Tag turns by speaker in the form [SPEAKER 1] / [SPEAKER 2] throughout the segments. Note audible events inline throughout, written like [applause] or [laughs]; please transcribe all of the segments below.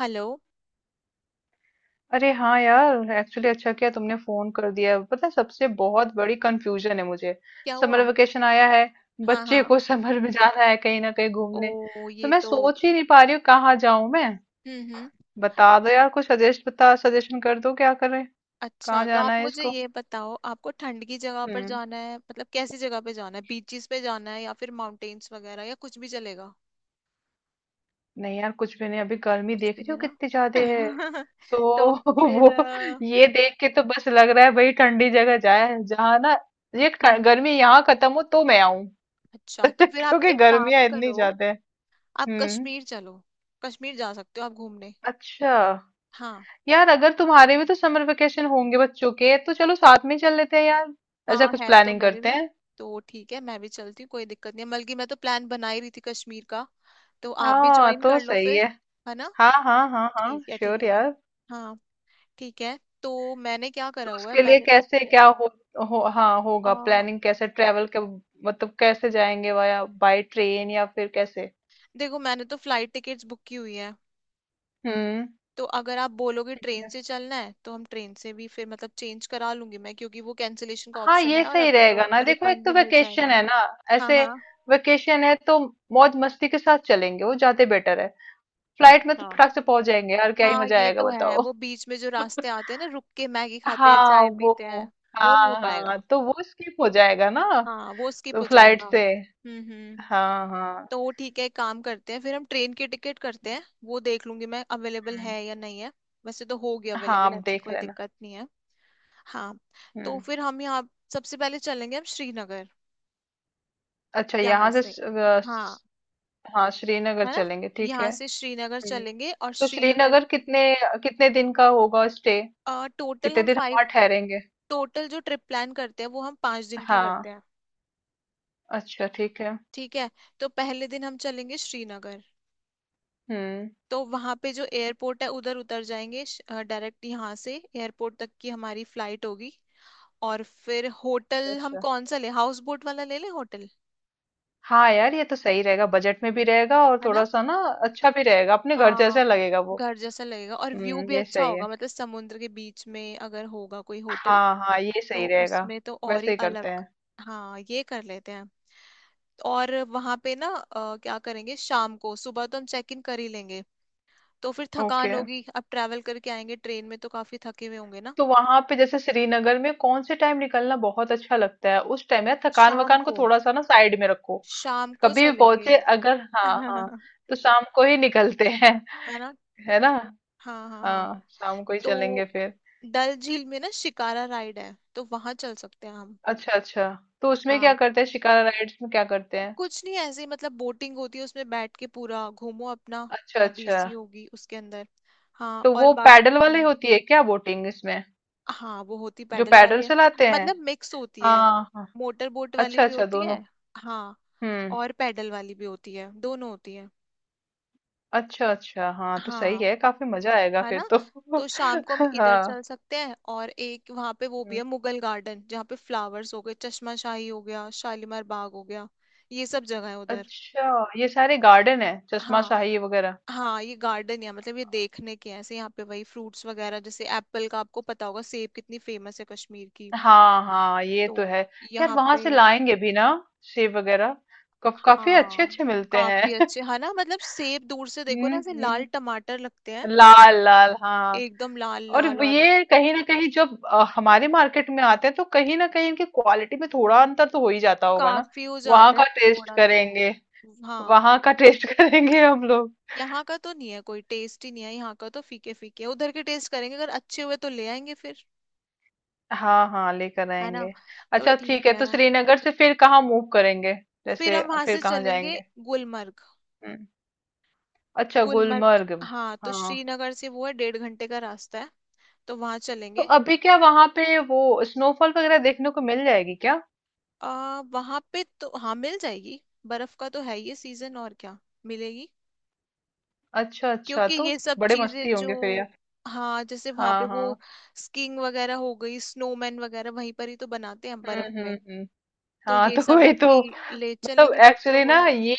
[SPEAKER 1] Hello.
[SPEAKER 2] अरे हाँ यार एक्चुअली अच्छा किया तुमने फोन कर दिया। पता है सबसे बहुत बड़ी कंफ्यूजन है मुझे।
[SPEAKER 1] क्या
[SPEAKER 2] समर
[SPEAKER 1] हुआ?
[SPEAKER 2] वेकेशन आया है।
[SPEAKER 1] हाँ
[SPEAKER 2] बच्चे
[SPEAKER 1] हाँ।
[SPEAKER 2] को [laughs] समर में जाना है कहीं ना कहीं
[SPEAKER 1] ओ,
[SPEAKER 2] घूमने। तो
[SPEAKER 1] ये
[SPEAKER 2] मैं
[SPEAKER 1] तो।
[SPEAKER 2] सोच ही नहीं पा रही हूँ कहाँ जाऊं मैं।
[SPEAKER 1] हम्म, हम्म।
[SPEAKER 2] बता दो यार कुछ सजेस्ट बता सजेशन कर दो क्या करें। कहाँ
[SPEAKER 1] अच्छा, तो
[SPEAKER 2] जाना
[SPEAKER 1] आप
[SPEAKER 2] है
[SPEAKER 1] मुझे
[SPEAKER 2] इसको।
[SPEAKER 1] ये बताओ, आपको ठंड की जगह पर
[SPEAKER 2] हम्म।
[SPEAKER 1] जाना है, मतलब कैसी जगह पे जाना है? बीचेस पे जाना है या फिर माउंटेन्स वगैरह, या कुछ भी चलेगा?
[SPEAKER 2] नहीं यार कुछ भी नहीं, अभी गर्मी
[SPEAKER 1] कुछ
[SPEAKER 2] देख
[SPEAKER 1] भी
[SPEAKER 2] रही
[SPEAKER 1] नहीं
[SPEAKER 2] हो
[SPEAKER 1] ना।
[SPEAKER 2] कितनी ज्यादा है।
[SPEAKER 1] [laughs] तो
[SPEAKER 2] तो [laughs]
[SPEAKER 1] फिर
[SPEAKER 2] वो ये देख के तो बस लग रहा है भाई ठंडी जगह जाए जहाँ ना। ये
[SPEAKER 1] हम्म।
[SPEAKER 2] गर्मी यहाँ खत्म हो तो मैं आऊं।
[SPEAKER 1] अच्छा,
[SPEAKER 2] [laughs]
[SPEAKER 1] तो फिर आप
[SPEAKER 2] क्योंकि
[SPEAKER 1] एक काम
[SPEAKER 2] गर्मियां इतनी
[SPEAKER 1] करो,
[SPEAKER 2] ज्यादा है।
[SPEAKER 1] आप
[SPEAKER 2] हम्म।
[SPEAKER 1] कश्मीर चलो। कश्मीर जा सकते हो आप घूमने।
[SPEAKER 2] अच्छा
[SPEAKER 1] हाँ
[SPEAKER 2] यार अगर तुम्हारे भी तो समर वेकेशन होंगे बच्चों के, तो चलो साथ में ही चल लेते हैं यार। ऐसा
[SPEAKER 1] हाँ।
[SPEAKER 2] कुछ
[SPEAKER 1] है तो
[SPEAKER 2] प्लानिंग
[SPEAKER 1] मेरे
[SPEAKER 2] करते
[SPEAKER 1] भी।
[SPEAKER 2] हैं।
[SPEAKER 1] तो ठीक है, मैं भी चलती हूँ, कोई दिक्कत नहीं है। बल्कि मैं तो प्लान बना ही रही थी कश्मीर का। तो आप भी
[SPEAKER 2] हाँ
[SPEAKER 1] ज्वाइन
[SPEAKER 2] तो
[SPEAKER 1] कर लो
[SPEAKER 2] सही
[SPEAKER 1] फिर।
[SPEAKER 2] है।
[SPEAKER 1] है ना?
[SPEAKER 2] हाँ हाँ हाँ हाँ
[SPEAKER 1] ठीक है,
[SPEAKER 2] श्योर
[SPEAKER 1] ठीक है।
[SPEAKER 2] यार।
[SPEAKER 1] हाँ। ठीक है। तो मैंने क्या
[SPEAKER 2] तो
[SPEAKER 1] करा हुआ है,
[SPEAKER 2] उसके लिए
[SPEAKER 1] मैंने
[SPEAKER 2] कैसे क्या हो हाँ
[SPEAKER 1] आ,
[SPEAKER 2] होगा, प्लानिंग कैसे ट्रेवल के। मतलब कैसे जाएंगे, वाया बाय ट्रेन या फिर कैसे।
[SPEAKER 1] देखो, मैंने तो फ्लाइट टिकट्स बुक की हुई है।
[SPEAKER 2] हम्म।
[SPEAKER 1] तो अगर आप बोलोगे
[SPEAKER 2] ठीक
[SPEAKER 1] ट्रेन
[SPEAKER 2] है।
[SPEAKER 1] से चलना है तो हम ट्रेन से भी फिर, मतलब चेंज करा लूंगी मैं, क्योंकि वो कैंसिलेशन का
[SPEAKER 2] हाँ
[SPEAKER 1] ऑप्शन
[SPEAKER 2] ये
[SPEAKER 1] है और
[SPEAKER 2] सही
[SPEAKER 1] अभी तो
[SPEAKER 2] रहेगा ना, देखो एक
[SPEAKER 1] रिफंड
[SPEAKER 2] तो
[SPEAKER 1] भी मिल
[SPEAKER 2] वेकेशन
[SPEAKER 1] जाएगा।
[SPEAKER 2] है ना।
[SPEAKER 1] हाँ
[SPEAKER 2] ऐसे
[SPEAKER 1] हाँ।
[SPEAKER 2] वेकेशन है तो मौज मस्ती के साथ चलेंगे, वो ज्यादा बेटर है। फ्लाइट में तो
[SPEAKER 1] अच्छा।
[SPEAKER 2] फटाक से पहुंच जाएंगे यार, क्या ही
[SPEAKER 1] हाँ
[SPEAKER 2] मजा
[SPEAKER 1] ये
[SPEAKER 2] आएगा
[SPEAKER 1] तो है,
[SPEAKER 2] बताओ।
[SPEAKER 1] वो बीच में जो
[SPEAKER 2] [laughs]
[SPEAKER 1] रास्ते आते हैं ना, रुक के मैगी खाते हैं,
[SPEAKER 2] हाँ
[SPEAKER 1] चाय
[SPEAKER 2] वो,
[SPEAKER 1] पीते हैं। वो नहीं हो
[SPEAKER 2] हाँ हाँ
[SPEAKER 1] पाएगा।
[SPEAKER 2] तो वो स्किप हो जाएगा ना।
[SPEAKER 1] हाँ वो स्किप
[SPEAKER 2] तो
[SPEAKER 1] हो
[SPEAKER 2] फ्लाइट
[SPEAKER 1] जाएगा।
[SPEAKER 2] से।
[SPEAKER 1] हम्म।
[SPEAKER 2] हाँ हाँ।
[SPEAKER 1] तो ठीक है, एक काम करते हैं फिर, हम ट्रेन की टिकट करते हैं। वो देख लूंगी मैं, अवेलेबल
[SPEAKER 2] हम्म,
[SPEAKER 1] है या नहीं है। वैसे तो होगी
[SPEAKER 2] हाँ
[SPEAKER 1] अवेलेबल,
[SPEAKER 2] आप
[SPEAKER 1] ऐसी
[SPEAKER 2] देख
[SPEAKER 1] कोई
[SPEAKER 2] लेना।
[SPEAKER 1] दिक्कत नहीं है। हाँ। तो
[SPEAKER 2] हम्म।
[SPEAKER 1] फिर हम यहाँ सबसे पहले चलेंगे, हम श्रीनगर।
[SPEAKER 2] अच्छा,
[SPEAKER 1] यहाँ
[SPEAKER 2] यहाँ से
[SPEAKER 1] से। हाँ।
[SPEAKER 2] हाँ श्रीनगर
[SPEAKER 1] है ना?
[SPEAKER 2] चलेंगे ठीक
[SPEAKER 1] यहाँ
[SPEAKER 2] है।
[SPEAKER 1] से श्रीनगर
[SPEAKER 2] हम्म।
[SPEAKER 1] चलेंगे और
[SPEAKER 2] तो
[SPEAKER 1] श्रीनगर।
[SPEAKER 2] श्रीनगर कितने कितने दिन का होगा स्टे।
[SPEAKER 1] टोटल
[SPEAKER 2] कितने
[SPEAKER 1] हम
[SPEAKER 2] दिन हम वहाँ
[SPEAKER 1] फाइव।
[SPEAKER 2] ठहरेंगे।
[SPEAKER 1] टोटल जो ट्रिप प्लान करते हैं वो हम 5 दिन की
[SPEAKER 2] हाँ
[SPEAKER 1] करते हैं।
[SPEAKER 2] अच्छा ठीक है।
[SPEAKER 1] ठीक है। तो पहले दिन हम चलेंगे श्रीनगर।
[SPEAKER 2] हम्म।
[SPEAKER 1] तो वहां पे जो एयरपोर्ट है उधर उतर जाएंगे। डायरेक्ट यहाँ से एयरपोर्ट तक की हमारी फ्लाइट होगी। और फिर होटल हम
[SPEAKER 2] अच्छा
[SPEAKER 1] कौन सा ले हाउस बोट वाला ले ले होटल।
[SPEAKER 2] हाँ यार ये तो सही रहेगा, बजट में भी रहेगा और
[SPEAKER 1] है ना?
[SPEAKER 2] थोड़ा सा ना अच्छा भी रहेगा, अपने घर
[SPEAKER 1] हाँ।
[SPEAKER 2] जैसा लगेगा वो।
[SPEAKER 1] घर जैसा लगेगा और व्यू भी
[SPEAKER 2] ये
[SPEAKER 1] अच्छा
[SPEAKER 2] सही
[SPEAKER 1] होगा,
[SPEAKER 2] है।
[SPEAKER 1] मतलब समुद्र के बीच में अगर होगा कोई होटल
[SPEAKER 2] हाँ हाँ ये सही
[SPEAKER 1] तो
[SPEAKER 2] रहेगा।
[SPEAKER 1] उसमें तो और
[SPEAKER 2] वैसे
[SPEAKER 1] ही
[SPEAKER 2] ही करते
[SPEAKER 1] अलग।
[SPEAKER 2] हैं।
[SPEAKER 1] हाँ ये कर लेते हैं। और वहां पे ना क्या करेंगे शाम को, सुबह तो हम चेक इन कर ही लेंगे। तो फिर थकान
[SPEAKER 2] ओके।
[SPEAKER 1] होगी, अब ट्रैवल करके आएंगे ट्रेन में तो काफी थके हुए होंगे ना।
[SPEAKER 2] तो वहां पे जैसे श्रीनगर में कौन से टाइम निकलना बहुत अच्छा लगता है उस टाइम यार, थकान
[SPEAKER 1] शाम
[SPEAKER 2] वकान को
[SPEAKER 1] को।
[SPEAKER 2] थोड़ा सा ना साइड में रखो।
[SPEAKER 1] शाम को
[SPEAKER 2] कभी भी
[SPEAKER 1] चलेंगे।
[SPEAKER 2] पहुंचे अगर,
[SPEAKER 1] [laughs]
[SPEAKER 2] हाँ
[SPEAKER 1] है
[SPEAKER 2] हाँ, तो शाम को ही निकलते हैं।
[SPEAKER 1] ना।
[SPEAKER 2] [laughs] है ना।
[SPEAKER 1] हाँ हाँ हाँ।
[SPEAKER 2] हाँ शाम को ही चलेंगे
[SPEAKER 1] तो
[SPEAKER 2] फिर।
[SPEAKER 1] डल झील में ना शिकारा राइड है, तो वहां चल सकते हैं हम।
[SPEAKER 2] अच्छा अच्छा। तो उसमें क्या
[SPEAKER 1] हाँ।
[SPEAKER 2] करते हैं, शिकारा राइड्स में क्या करते हैं।
[SPEAKER 1] कुछ नहीं ऐसे ही, मतलब बोटिंग होती है उसमें, बैठ के पूरा घूमो अपना।
[SPEAKER 2] अच्छा
[SPEAKER 1] नदी
[SPEAKER 2] अच्छा।
[SPEAKER 1] सी होगी उसके अंदर। हाँ
[SPEAKER 2] तो
[SPEAKER 1] और
[SPEAKER 2] वो पैडल
[SPEAKER 1] बाकी।
[SPEAKER 2] वाली होती है क्या बोटिंग इसमें,
[SPEAKER 1] हाँ वो होती
[SPEAKER 2] जो
[SPEAKER 1] पैडल
[SPEAKER 2] पैडल
[SPEAKER 1] वाली है,
[SPEAKER 2] चलाते हैं।
[SPEAKER 1] मतलब मिक्स होती
[SPEAKER 2] हाँ
[SPEAKER 1] है।
[SPEAKER 2] हाँ हाँ।
[SPEAKER 1] मोटर बोट वाली
[SPEAKER 2] अच्छा
[SPEAKER 1] भी
[SPEAKER 2] अच्छा
[SPEAKER 1] होती
[SPEAKER 2] दोनों।
[SPEAKER 1] है। हाँ
[SPEAKER 2] हम्म।
[SPEAKER 1] और पैडल वाली भी होती है, दोनों होती है।
[SPEAKER 2] अच्छा, अच्छा। हाँ, तो सही
[SPEAKER 1] हाँ।
[SPEAKER 2] है, काफ़ी मज़ा आएगा
[SPEAKER 1] है
[SPEAKER 2] फिर
[SPEAKER 1] ना?
[SPEAKER 2] तो।
[SPEAKER 1] तो शाम को हम
[SPEAKER 2] [laughs]
[SPEAKER 1] इधर
[SPEAKER 2] हाँ,
[SPEAKER 1] चल सकते हैं और एक वहां पे वो भी
[SPEAKER 2] हुँ।
[SPEAKER 1] है मुगल गार्डन, जहाँ पे फ्लावर्स हो गए, चश्माशाही हो गया, शालीमार बाग हो गया। ये सब जगह है उधर।
[SPEAKER 2] अच्छा, ये सारे गार्डन हैं, चश्मा
[SPEAKER 1] हाँ।
[SPEAKER 2] शाही वगैरह?
[SPEAKER 1] हाँ ये गार्डन है, मतलब ये देखने के हैं ऐसे। यहाँ पे वही फ्रूट्स वगैरह जैसे एप्पल का, आपको पता होगा सेब कितनी फेमस है कश्मीर की।
[SPEAKER 2] हाँ, हाँ, ये
[SPEAKER 1] तो
[SPEAKER 2] तो है। यार
[SPEAKER 1] यहाँ
[SPEAKER 2] वहाँ
[SPEAKER 1] पे।
[SPEAKER 2] से लाएँगे भी ना सेब वगैरह? कफ काफ़ी
[SPEAKER 1] हाँ।
[SPEAKER 2] अच्छे-अच्छे मिलते
[SPEAKER 1] काफी
[SPEAKER 2] हैं। [laughs]
[SPEAKER 1] अच्छे है ना, मतलब सेब दूर से देखो ना
[SPEAKER 2] हुँ,
[SPEAKER 1] ऐसे लाल
[SPEAKER 2] हुँ।
[SPEAKER 1] टमाटर लगते हैं,
[SPEAKER 2] लाल, लाल, हाँ।
[SPEAKER 1] एकदम लाल
[SPEAKER 2] और
[SPEAKER 1] लाल।
[SPEAKER 2] व
[SPEAKER 1] और
[SPEAKER 2] ये कहीं न कहीं जब हमारे मार्केट में आते हैं तो कहीं न कहीं इनकी क्वालिटी में थोड़ा अंतर तो हो ही जाता होगा ना?
[SPEAKER 1] काफी हो
[SPEAKER 2] वहाँ
[SPEAKER 1] जाता है
[SPEAKER 2] का टेस्ट
[SPEAKER 1] थोड़ा तो।
[SPEAKER 2] करेंगे।
[SPEAKER 1] हाँ।
[SPEAKER 2] वहाँ का टेस्ट [laughs] करेंगे हम लोग।
[SPEAKER 1] यहाँ का तो नहीं है, कोई टेस्ट ही नहीं है यहाँ का, तो फीके फीके। उधर के टेस्ट करेंगे, अगर अच्छे हुए तो ले आएंगे फिर।
[SPEAKER 2] हाँ, हाँ, लेकर
[SPEAKER 1] है ना?
[SPEAKER 2] आएँगे।
[SPEAKER 1] तो
[SPEAKER 2] अच्छा ठीक
[SPEAKER 1] ठीक
[SPEAKER 2] है,
[SPEAKER 1] है,
[SPEAKER 2] तो श्रीनगर से फिर कहाँ मूव करेंगे?
[SPEAKER 1] फिर
[SPEAKER 2] जैसे
[SPEAKER 1] हम वहां
[SPEAKER 2] फिर
[SPEAKER 1] से
[SPEAKER 2] कहाँ
[SPEAKER 1] चलेंगे
[SPEAKER 2] जाएँगे?
[SPEAKER 1] गुलमर्ग।
[SPEAKER 2] हुँ। अच्छा
[SPEAKER 1] गुलमर्ग।
[SPEAKER 2] गुलमर्ग,
[SPEAKER 1] हाँ तो
[SPEAKER 2] हाँ।
[SPEAKER 1] श्रीनगर से वो है, डेढ़ घंटे का रास्ता है। तो वहां
[SPEAKER 2] तो
[SPEAKER 1] चलेंगे।
[SPEAKER 2] अभी क्या वहाँ पे वो स्नोफॉल वगैरह देखने को मिल जाएगी क्या?
[SPEAKER 1] वहां पे तो हाँ मिल जाएगी। बर्फ का तो है ये सीजन, और क्या। मिलेगी,
[SPEAKER 2] अच्छा, अच्छा,
[SPEAKER 1] क्योंकि
[SPEAKER 2] तो
[SPEAKER 1] ये सब
[SPEAKER 2] बड़े मस्ती
[SPEAKER 1] चीजें जो।
[SPEAKER 2] होंगे फिर यार।
[SPEAKER 1] हाँ जैसे वहां
[SPEAKER 2] हाँ,
[SPEAKER 1] पे वो
[SPEAKER 2] हाँ।
[SPEAKER 1] स्कीइंग वगैरह हो गई, स्नोमैन वगैरह वहीं पर ही तो बनाते हैं
[SPEAKER 2] हुँ,
[SPEAKER 1] बर्फ
[SPEAKER 2] हुँ,
[SPEAKER 1] में।
[SPEAKER 2] हुँ।
[SPEAKER 1] तो
[SPEAKER 2] हाँ,
[SPEAKER 1] ये
[SPEAKER 2] तो
[SPEAKER 1] सब
[SPEAKER 2] वही
[SPEAKER 1] है
[SPEAKER 2] तो।
[SPEAKER 1] कि ले
[SPEAKER 2] मतलब
[SPEAKER 1] चलेंगे बच्चों
[SPEAKER 2] एक्चुअली ना
[SPEAKER 1] को,
[SPEAKER 2] ये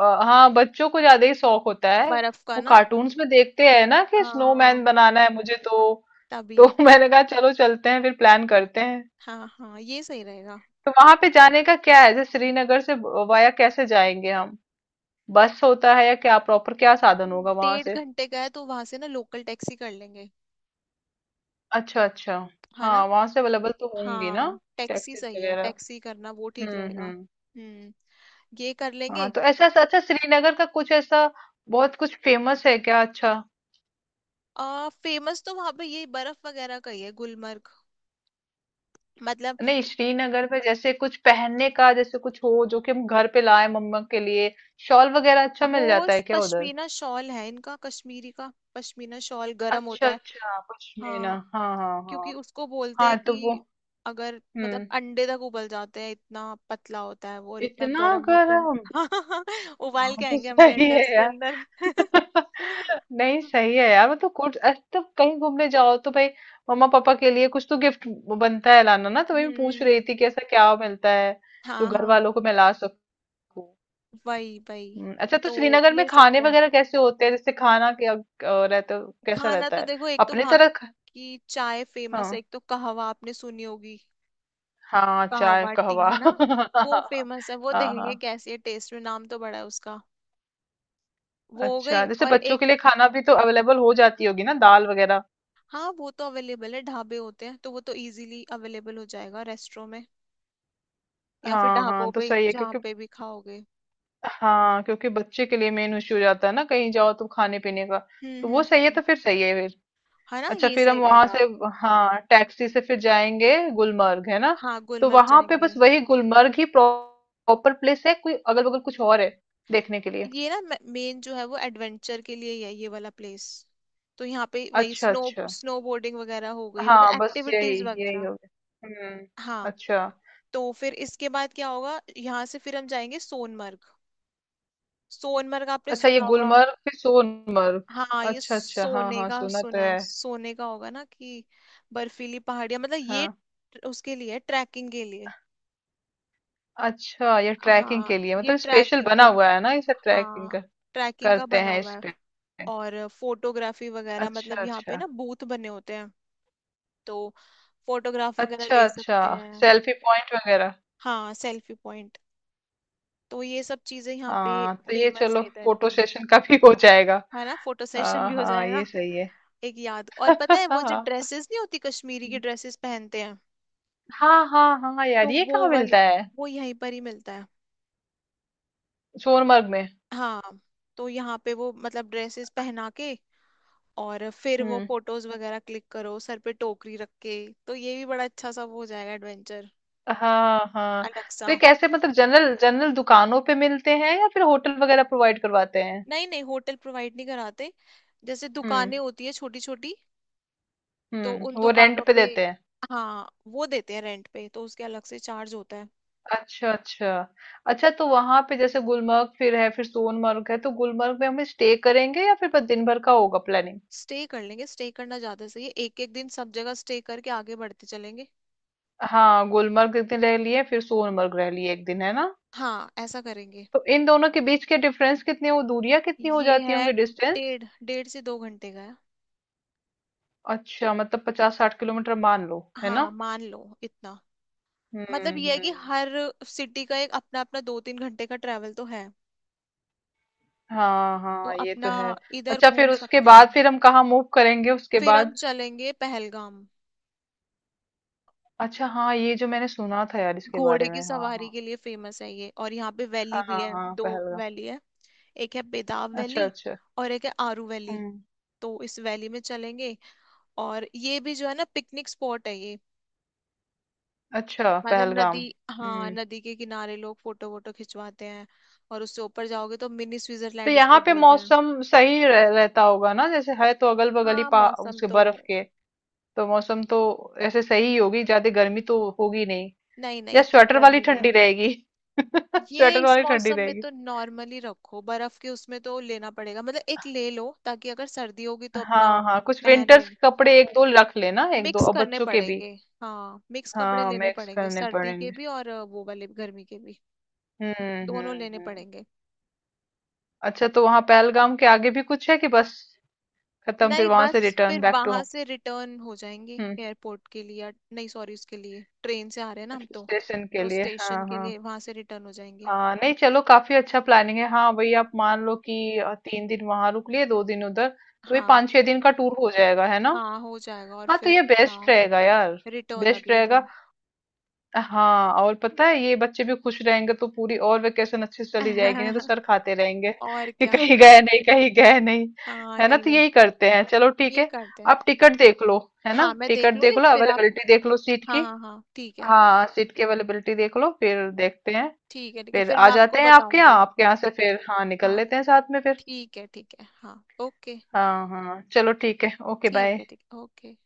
[SPEAKER 2] हाँ, बच्चों को ज़्यादा ही शौक होता है।
[SPEAKER 1] बर्फ का
[SPEAKER 2] वो
[SPEAKER 1] ना।
[SPEAKER 2] कार्टून्स में देखते हैं ना कि स्नोमैन
[SPEAKER 1] हाँ
[SPEAKER 2] बनाना है मुझे तो।
[SPEAKER 1] तभी।
[SPEAKER 2] तो [laughs] मैंने कहा चलो चलते हैं फिर प्लान करते हैं।
[SPEAKER 1] हाँ हाँ ये सही रहेगा।
[SPEAKER 2] तो वहां पे जाने का क्या है, जैसे श्रीनगर से वाया कैसे जाएंगे हम, बस होता है या क्या, प्रॉपर क्या साधन होगा वहां
[SPEAKER 1] डेढ़
[SPEAKER 2] से।
[SPEAKER 1] घंटे का है, तो वहां से ना लोकल टैक्सी कर लेंगे।
[SPEAKER 2] अच्छा अच्छा।
[SPEAKER 1] है
[SPEAKER 2] हाँ
[SPEAKER 1] ना?
[SPEAKER 2] वहां से अवेलेबल तो होंगी ना
[SPEAKER 1] हाँ टैक्सी
[SPEAKER 2] टैक्सीज
[SPEAKER 1] सही है,
[SPEAKER 2] वगैरह।
[SPEAKER 1] टैक्सी करना वो ठीक रहेगा।
[SPEAKER 2] हम्म।
[SPEAKER 1] हम्म। ये कर
[SPEAKER 2] हाँ
[SPEAKER 1] लेंगे।
[SPEAKER 2] तो ऐसा अच्छा, श्रीनगर का कुछ ऐसा बहुत कुछ फेमस है क्या अच्छा।
[SPEAKER 1] आ फेमस तो वहां पे ये बर्फ वगैरह का ही है गुलमर्ग, मतलब।
[SPEAKER 2] नहीं श्रीनगर में जैसे कुछ पहनने का, जैसे कुछ हो जो कि हम घर पे लाए मम्मा के लिए, शॉल वगैरह अच्छा
[SPEAKER 1] वो
[SPEAKER 2] मिल जाता है क्या उधर।
[SPEAKER 1] पश्मीना शॉल है इनका, कश्मीरी का पश्मीना शॉल गर्म
[SPEAKER 2] अच्छा
[SPEAKER 1] होता है।
[SPEAKER 2] अच्छा पश्मीना
[SPEAKER 1] हाँ,
[SPEAKER 2] हाँ हाँ
[SPEAKER 1] क्योंकि
[SPEAKER 2] हाँ।
[SPEAKER 1] उसको बोलते
[SPEAKER 2] हाँ
[SPEAKER 1] हैं
[SPEAKER 2] तो वो।
[SPEAKER 1] कि अगर मतलब
[SPEAKER 2] हम्म,
[SPEAKER 1] अंडे तक उबल जाते हैं, इतना पतला होता है वो और इतना
[SPEAKER 2] इतना
[SPEAKER 1] गर्म होता है।
[SPEAKER 2] गर्म।
[SPEAKER 1] [laughs] उबाल
[SPEAKER 2] हाँ
[SPEAKER 1] के
[SPEAKER 2] तो
[SPEAKER 1] आएंगे हम भी
[SPEAKER 2] सही
[SPEAKER 1] अंडे
[SPEAKER 2] है
[SPEAKER 1] उसके
[SPEAKER 2] यार।
[SPEAKER 1] अंदर।
[SPEAKER 2] [laughs] नहीं
[SPEAKER 1] [laughs]
[SPEAKER 2] सही है यार, मतलब कुछ अरे तो कहीं घूमने जाओ तो भाई मम्मा पापा के लिए कुछ तो गिफ्ट बनता है लाना ना, तो मैं भी पूछ
[SPEAKER 1] हम्म।
[SPEAKER 2] रही थी कि ऐसा क्या मिलता है जो
[SPEAKER 1] हाँ
[SPEAKER 2] घर
[SPEAKER 1] हाँ
[SPEAKER 2] वालों को मैं ला सकूं।
[SPEAKER 1] वही वही।
[SPEAKER 2] अच्छा तो
[SPEAKER 1] तो
[SPEAKER 2] श्रीनगर में
[SPEAKER 1] ले
[SPEAKER 2] खाने
[SPEAKER 1] सकते हैं।
[SPEAKER 2] वगैरह कैसे होते हैं, जैसे खाना क्या रहता कैसा
[SPEAKER 1] खाना
[SPEAKER 2] रहता
[SPEAKER 1] तो
[SPEAKER 2] है,
[SPEAKER 1] देखो, एक तो
[SPEAKER 2] अपने
[SPEAKER 1] वहाँ
[SPEAKER 2] तरह
[SPEAKER 1] की चाय फेमस है,
[SPEAKER 2] हाँ
[SPEAKER 1] एक तो कहवा आपने सुनी होगी।
[SPEAKER 2] हाँ चाय
[SPEAKER 1] कहवा टी,
[SPEAKER 2] कहवा
[SPEAKER 1] है ना।
[SPEAKER 2] [laughs]
[SPEAKER 1] वो फेमस है, वो
[SPEAKER 2] हाँ
[SPEAKER 1] देखेंगे
[SPEAKER 2] हाँ।
[SPEAKER 1] कैसी है टेस्ट में, नाम तो बड़ा है उसका। वो हो
[SPEAKER 2] अच्छा
[SPEAKER 1] गई
[SPEAKER 2] जैसे
[SPEAKER 1] और
[SPEAKER 2] बच्चों
[SPEAKER 1] एक।
[SPEAKER 2] के लिए खाना भी तो अवेलेबल हो जाती होगी ना, दाल वगैरह।
[SPEAKER 1] हाँ वो तो अवेलेबल है, ढाबे होते हैं, तो वो तो इजीली अवेलेबल हो जाएगा रेस्टोरों में या फिर
[SPEAKER 2] हाँ
[SPEAKER 1] ढाबों
[SPEAKER 2] हाँ तो
[SPEAKER 1] पे
[SPEAKER 2] सही है
[SPEAKER 1] जहाँ
[SPEAKER 2] क्योंकि,
[SPEAKER 1] पे भी खाओगे।
[SPEAKER 2] हाँ क्योंकि बच्चे के लिए मेन इश्यू हो जाता है ना कहीं जाओ तो खाने पीने का। तो वो सही है,
[SPEAKER 1] हम्म।
[SPEAKER 2] तो फिर सही है फिर।
[SPEAKER 1] है ना
[SPEAKER 2] अच्छा
[SPEAKER 1] ये
[SPEAKER 2] फिर हम
[SPEAKER 1] सही
[SPEAKER 2] वहां
[SPEAKER 1] रहेगा।
[SPEAKER 2] से, हाँ टैक्सी से फिर जाएंगे गुलमर्ग है ना।
[SPEAKER 1] हाँ
[SPEAKER 2] तो
[SPEAKER 1] गुलमर्ग
[SPEAKER 2] वहां पे
[SPEAKER 1] जाएंगे।
[SPEAKER 2] बस वही गुलमर्ग ही प्रॉपर प्लेस है, कोई अगल बगल कुछ और है देखने के लिए।
[SPEAKER 1] ये ना मेन जो है वो एडवेंचर के लिए ही है, ये वाला प्लेस। तो यहाँ पे वही
[SPEAKER 2] अच्छा
[SPEAKER 1] स्नो
[SPEAKER 2] अच्छा।
[SPEAKER 1] स्नो बोर्डिंग वगैरह हो गई, मतलब
[SPEAKER 2] हाँ बस यही
[SPEAKER 1] एक्टिविटीज
[SPEAKER 2] यही
[SPEAKER 1] वगैरह।
[SPEAKER 2] हो गया हम्म।
[SPEAKER 1] हाँ।
[SPEAKER 2] अच्छा
[SPEAKER 1] तो फिर इसके बाद क्या होगा, यहाँ से फिर हम जाएंगे सोनमर्ग। सोनमर्ग आपने
[SPEAKER 2] अच्छा ये
[SPEAKER 1] सुना होगा।
[SPEAKER 2] गुलमर्ग फिर सोनमर्ग।
[SPEAKER 1] हाँ ये
[SPEAKER 2] अच्छा अच्छा हाँ
[SPEAKER 1] सोने
[SPEAKER 2] हाँ
[SPEAKER 1] का
[SPEAKER 2] सुना तो
[SPEAKER 1] सुना है,
[SPEAKER 2] है।
[SPEAKER 1] सोने का होगा ना कि? बर्फीली पहाड़ियां, मतलब ये
[SPEAKER 2] हाँ
[SPEAKER 1] उसके लिए, ट्रैकिंग के लिए।
[SPEAKER 2] अच्छा ये ट्रैकिंग
[SPEAKER 1] हाँ
[SPEAKER 2] के लिए
[SPEAKER 1] ये
[SPEAKER 2] मतलब स्पेशल
[SPEAKER 1] ट्रैकिंग
[SPEAKER 2] बना
[SPEAKER 1] के लिए।
[SPEAKER 2] हुआ है ना, इसे
[SPEAKER 1] हाँ
[SPEAKER 2] ट्रैकिंग
[SPEAKER 1] ट्रैकिंग का
[SPEAKER 2] करते
[SPEAKER 1] बना
[SPEAKER 2] हैं
[SPEAKER 1] हुआ
[SPEAKER 2] इस
[SPEAKER 1] है।
[SPEAKER 2] पे।
[SPEAKER 1] और फोटोग्राफी वगैरह,
[SPEAKER 2] अच्छा
[SPEAKER 1] मतलब यहाँ पे
[SPEAKER 2] अच्छा
[SPEAKER 1] ना बूथ बने होते हैं, तो फोटोग्राफ वगैरह
[SPEAKER 2] अच्छा
[SPEAKER 1] ले
[SPEAKER 2] अच्छा
[SPEAKER 1] सकते हैं।
[SPEAKER 2] सेल्फी पॉइंट वगैरह।
[SPEAKER 1] हाँ सेल्फी पॉइंट। तो ये सब चीजें यहाँ पे
[SPEAKER 2] हाँ तो ये
[SPEAKER 1] फेमस
[SPEAKER 2] चलो
[SPEAKER 1] है इधर
[SPEAKER 2] फोटो
[SPEAKER 1] की।
[SPEAKER 2] सेशन का भी हो जाएगा।
[SPEAKER 1] है ना, फोटो सेशन
[SPEAKER 2] हाँ
[SPEAKER 1] भी हो
[SPEAKER 2] हाँ
[SPEAKER 1] जाएगा।
[SPEAKER 2] ये सही है।
[SPEAKER 1] एक याद और, पता
[SPEAKER 2] [laughs]
[SPEAKER 1] है वो जो
[SPEAKER 2] हाँ
[SPEAKER 1] ड्रेसेस नहीं होती, कश्मीरी की ड्रेसेस पहनते हैं।
[SPEAKER 2] हाँ हाँ हाँ यार
[SPEAKER 1] तो
[SPEAKER 2] ये
[SPEAKER 1] वो
[SPEAKER 2] कहाँ मिलता
[SPEAKER 1] वाली,
[SPEAKER 2] है,
[SPEAKER 1] वो यहीं पर ही मिलता है।
[SPEAKER 2] सोनमर्ग में।
[SPEAKER 1] हाँ। तो यहाँ पे वो मतलब ड्रेसेस पहना के और फिर वो
[SPEAKER 2] हम्म
[SPEAKER 1] फोटोज वगैरह क्लिक करो, सर पे टोकरी रख के। तो ये भी बड़ा अच्छा सा वो हो जाएगा, एडवेंचर
[SPEAKER 2] हाँ हाँ।
[SPEAKER 1] अलग
[SPEAKER 2] तो
[SPEAKER 1] सा।
[SPEAKER 2] ये कैसे, मतलब जनरल जनरल दुकानों पे मिलते हैं या फिर होटल वगैरह प्रोवाइड करवाते हैं।
[SPEAKER 1] नहीं नहीं, होटल प्रोवाइड नहीं कराते, जैसे
[SPEAKER 2] हम्म
[SPEAKER 1] दुकानें होती है छोटी छोटी, तो उन
[SPEAKER 2] हम्म, वो
[SPEAKER 1] दुकानों
[SPEAKER 2] रेंट पे
[SPEAKER 1] पे।
[SPEAKER 2] देते हैं।
[SPEAKER 1] हाँ वो देते हैं रेंट पे, तो उसके अलग से चार्ज होता है।
[SPEAKER 2] अच्छा, अच्छा। अच्छा तो वहाँ पे जैसे गुलमर्ग फिर है, फिर सोनमर्ग है, तो गुलमर्ग में हम स्टे करेंगे या फिर बस दिन भर का होगा प्लानिंग?
[SPEAKER 1] स्टे कर लेंगे, स्टे करना ज्यादा सही है, एक एक दिन सब जगह स्टे करके आगे बढ़ते चलेंगे।
[SPEAKER 2] हाँ, गुलमर्ग एक दिन रह लिए, फिर सोनमर्ग रह लिए एक दिन, है ना?
[SPEAKER 1] हाँ ऐसा करेंगे।
[SPEAKER 2] तो इन दोनों के बीच के डिफरेंस कितने हो, दूरियां कितनी हो
[SPEAKER 1] ये
[SPEAKER 2] जाती
[SPEAKER 1] है
[SPEAKER 2] होंगी, डिस्टेंस?
[SPEAKER 1] डेढ़ डेढ़ से दो घंटे का है।
[SPEAKER 2] अच्छा, मतलब 50-60 किलोमीटर मान लो, है ना?
[SPEAKER 1] हाँ मान लो इतना। मतलब
[SPEAKER 2] हम्म
[SPEAKER 1] ये है कि
[SPEAKER 2] हम्म
[SPEAKER 1] हर सिटी का एक अपना अपना दो तीन घंटे का ट्रेवल तो है।
[SPEAKER 2] हाँ
[SPEAKER 1] तो
[SPEAKER 2] हाँ ये तो
[SPEAKER 1] अपना
[SPEAKER 2] है।
[SPEAKER 1] इधर
[SPEAKER 2] अच्छा फिर
[SPEAKER 1] घूम
[SPEAKER 2] उसके
[SPEAKER 1] सकते हैं।
[SPEAKER 2] बाद फिर हम कहाँ मूव करेंगे उसके
[SPEAKER 1] फिर हम
[SPEAKER 2] बाद।
[SPEAKER 1] चलेंगे पहलगाम।
[SPEAKER 2] अच्छा हाँ ये जो मैंने सुना था यार इसके बारे
[SPEAKER 1] घोड़े की
[SPEAKER 2] में, हाँ
[SPEAKER 1] सवारी
[SPEAKER 2] हाँ।
[SPEAKER 1] के लिए फेमस है ये, और यहाँ पे
[SPEAKER 2] हाँ
[SPEAKER 1] वैली भी
[SPEAKER 2] हाँ
[SPEAKER 1] है,
[SPEAKER 2] हाँ,
[SPEAKER 1] दो
[SPEAKER 2] पहलगाम।
[SPEAKER 1] वैली है। एक है बेदाव
[SPEAKER 2] अच्छा
[SPEAKER 1] वैली
[SPEAKER 2] अच्छा।
[SPEAKER 1] और एक है आरू वैली।
[SPEAKER 2] हम्म,
[SPEAKER 1] तो इस वैली में चलेंगे। और ये भी जो है ना, पिकनिक स्पॉट है ये,
[SPEAKER 2] अच्छा
[SPEAKER 1] मतलब
[SPEAKER 2] पहलगाम।
[SPEAKER 1] नदी। हाँ
[SPEAKER 2] हम्म।
[SPEAKER 1] नदी के किनारे लोग फोटो वोटो खिंचवाते हैं। और उससे ऊपर जाओगे तो मिनी
[SPEAKER 2] तो
[SPEAKER 1] स्विट्जरलैंड
[SPEAKER 2] यहाँ
[SPEAKER 1] उसको
[SPEAKER 2] पे
[SPEAKER 1] बोलते हैं।
[SPEAKER 2] मौसम सही रहता होगा ना, जैसे है तो अगल बगल ही
[SPEAKER 1] हाँ
[SPEAKER 2] पा
[SPEAKER 1] मौसम
[SPEAKER 2] उसके
[SPEAKER 1] तो।
[SPEAKER 2] बर्फ के। तो मौसम तो ऐसे सही ही होगी, ज्यादा गर्मी तो होगी नहीं।
[SPEAKER 1] नहीं नहीं,
[SPEAKER 2] या
[SPEAKER 1] इतनी
[SPEAKER 2] स्वेटर वाली
[SPEAKER 1] गर्मी नहीं।
[SPEAKER 2] ठंडी रहेगी। [laughs]
[SPEAKER 1] ये
[SPEAKER 2] स्वेटर
[SPEAKER 1] इस
[SPEAKER 2] वाली ठंडी
[SPEAKER 1] मौसम में
[SPEAKER 2] रहेगी।
[SPEAKER 1] तो नॉर्मली रखो, बर्फ के उसमें तो लेना पड़ेगा, मतलब एक ले लो ताकि अगर सर्दी होगी तो अपना
[SPEAKER 2] हाँ हाँ कुछ
[SPEAKER 1] पहन
[SPEAKER 2] विंटर्स
[SPEAKER 1] लेंगे।
[SPEAKER 2] के कपड़े एक दो रख लेना, एक दो
[SPEAKER 1] मिक्स
[SPEAKER 2] और
[SPEAKER 1] करने
[SPEAKER 2] बच्चों के भी।
[SPEAKER 1] पड़ेंगे। हाँ मिक्स कपड़े
[SPEAKER 2] हाँ
[SPEAKER 1] लेने
[SPEAKER 2] मिक्स
[SPEAKER 1] पड़ेंगे,
[SPEAKER 2] करने
[SPEAKER 1] सर्दी के
[SPEAKER 2] पड़ेंगे।
[SPEAKER 1] भी और वो वाले गर्मी के भी। दोनों लेने
[SPEAKER 2] हम्म।
[SPEAKER 1] पड़ेंगे।
[SPEAKER 2] अच्छा तो वहां पहलगाम के आगे भी कुछ है कि बस खत्म, फिर
[SPEAKER 1] नहीं
[SPEAKER 2] वहां
[SPEAKER 1] बस
[SPEAKER 2] से रिटर्न
[SPEAKER 1] फिर
[SPEAKER 2] बैक टू
[SPEAKER 1] वहां
[SPEAKER 2] होम।
[SPEAKER 1] से रिटर्न हो जाएंगे
[SPEAKER 2] हम्म,
[SPEAKER 1] एयरपोर्ट के लिए, नहीं सॉरी, उसके लिए ट्रेन से आ रहे हैं ना हम तो।
[SPEAKER 2] स्टेशन के
[SPEAKER 1] तो
[SPEAKER 2] लिए
[SPEAKER 1] स्टेशन
[SPEAKER 2] हाँ
[SPEAKER 1] के
[SPEAKER 2] हाँ।
[SPEAKER 1] लिए वहां से रिटर्न हो जाएंगे।
[SPEAKER 2] हाँ नहीं चलो काफी अच्छा प्लानिंग है, हाँ वही आप मान
[SPEAKER 1] हम्म।
[SPEAKER 2] लो कि 3 दिन वहां रुक लिए 2 दिन उधर। तो ये
[SPEAKER 1] हाँ
[SPEAKER 2] 5-6 दिन का टूर हो जाएगा है ना।
[SPEAKER 1] हाँ हो जाएगा। और
[SPEAKER 2] हाँ तो
[SPEAKER 1] फिर
[SPEAKER 2] ये
[SPEAKER 1] ना
[SPEAKER 2] बेस्ट रहेगा यार
[SPEAKER 1] रिटर्न
[SPEAKER 2] बेस्ट
[SPEAKER 1] अगले
[SPEAKER 2] रहेगा।
[SPEAKER 1] दिन।
[SPEAKER 2] हाँ और पता है ये बच्चे भी खुश रहेंगे तो पूरी और वेकेशन अच्छे से चली जाएगी, नहीं तो
[SPEAKER 1] [laughs]
[SPEAKER 2] सर खाते रहेंगे
[SPEAKER 1] और
[SPEAKER 2] [laughs] कि
[SPEAKER 1] क्या।
[SPEAKER 2] कहीं गए नहीं कहीं गए नहीं।
[SPEAKER 1] हाँ
[SPEAKER 2] है ना
[SPEAKER 1] नहीं
[SPEAKER 2] तो
[SPEAKER 1] नहीं।
[SPEAKER 2] यही करते हैं, चलो ठीक
[SPEAKER 1] ये
[SPEAKER 2] है।
[SPEAKER 1] करते हैं।
[SPEAKER 2] आप टिकट देख लो, है
[SPEAKER 1] हाँ
[SPEAKER 2] ना
[SPEAKER 1] मैं
[SPEAKER 2] टिकट
[SPEAKER 1] देख
[SPEAKER 2] देख
[SPEAKER 1] लूंगी
[SPEAKER 2] लो
[SPEAKER 1] फिर आप।
[SPEAKER 2] अवेलेबिलिटी देख लो सीट
[SPEAKER 1] हाँ
[SPEAKER 2] की।
[SPEAKER 1] हाँ हाँ ठीक है।
[SPEAKER 2] हाँ सीट की अवेलेबिलिटी देख लो, फिर देखते हैं।
[SPEAKER 1] ठीक है ठीक है,
[SPEAKER 2] फिर
[SPEAKER 1] फिर
[SPEAKER 2] आ
[SPEAKER 1] मैं आपको
[SPEAKER 2] जाते हैं आपके यहाँ,
[SPEAKER 1] बताऊंगी।
[SPEAKER 2] आपके यहाँ से फिर हाँ निकल
[SPEAKER 1] हाँ
[SPEAKER 2] लेते हैं साथ में फिर।
[SPEAKER 1] ठीक है ठीक है, हाँ ओके।
[SPEAKER 2] हाँ हाँ चलो ठीक है ओके
[SPEAKER 1] ठीक
[SPEAKER 2] बाय।
[SPEAKER 1] है ठीक है, ओके।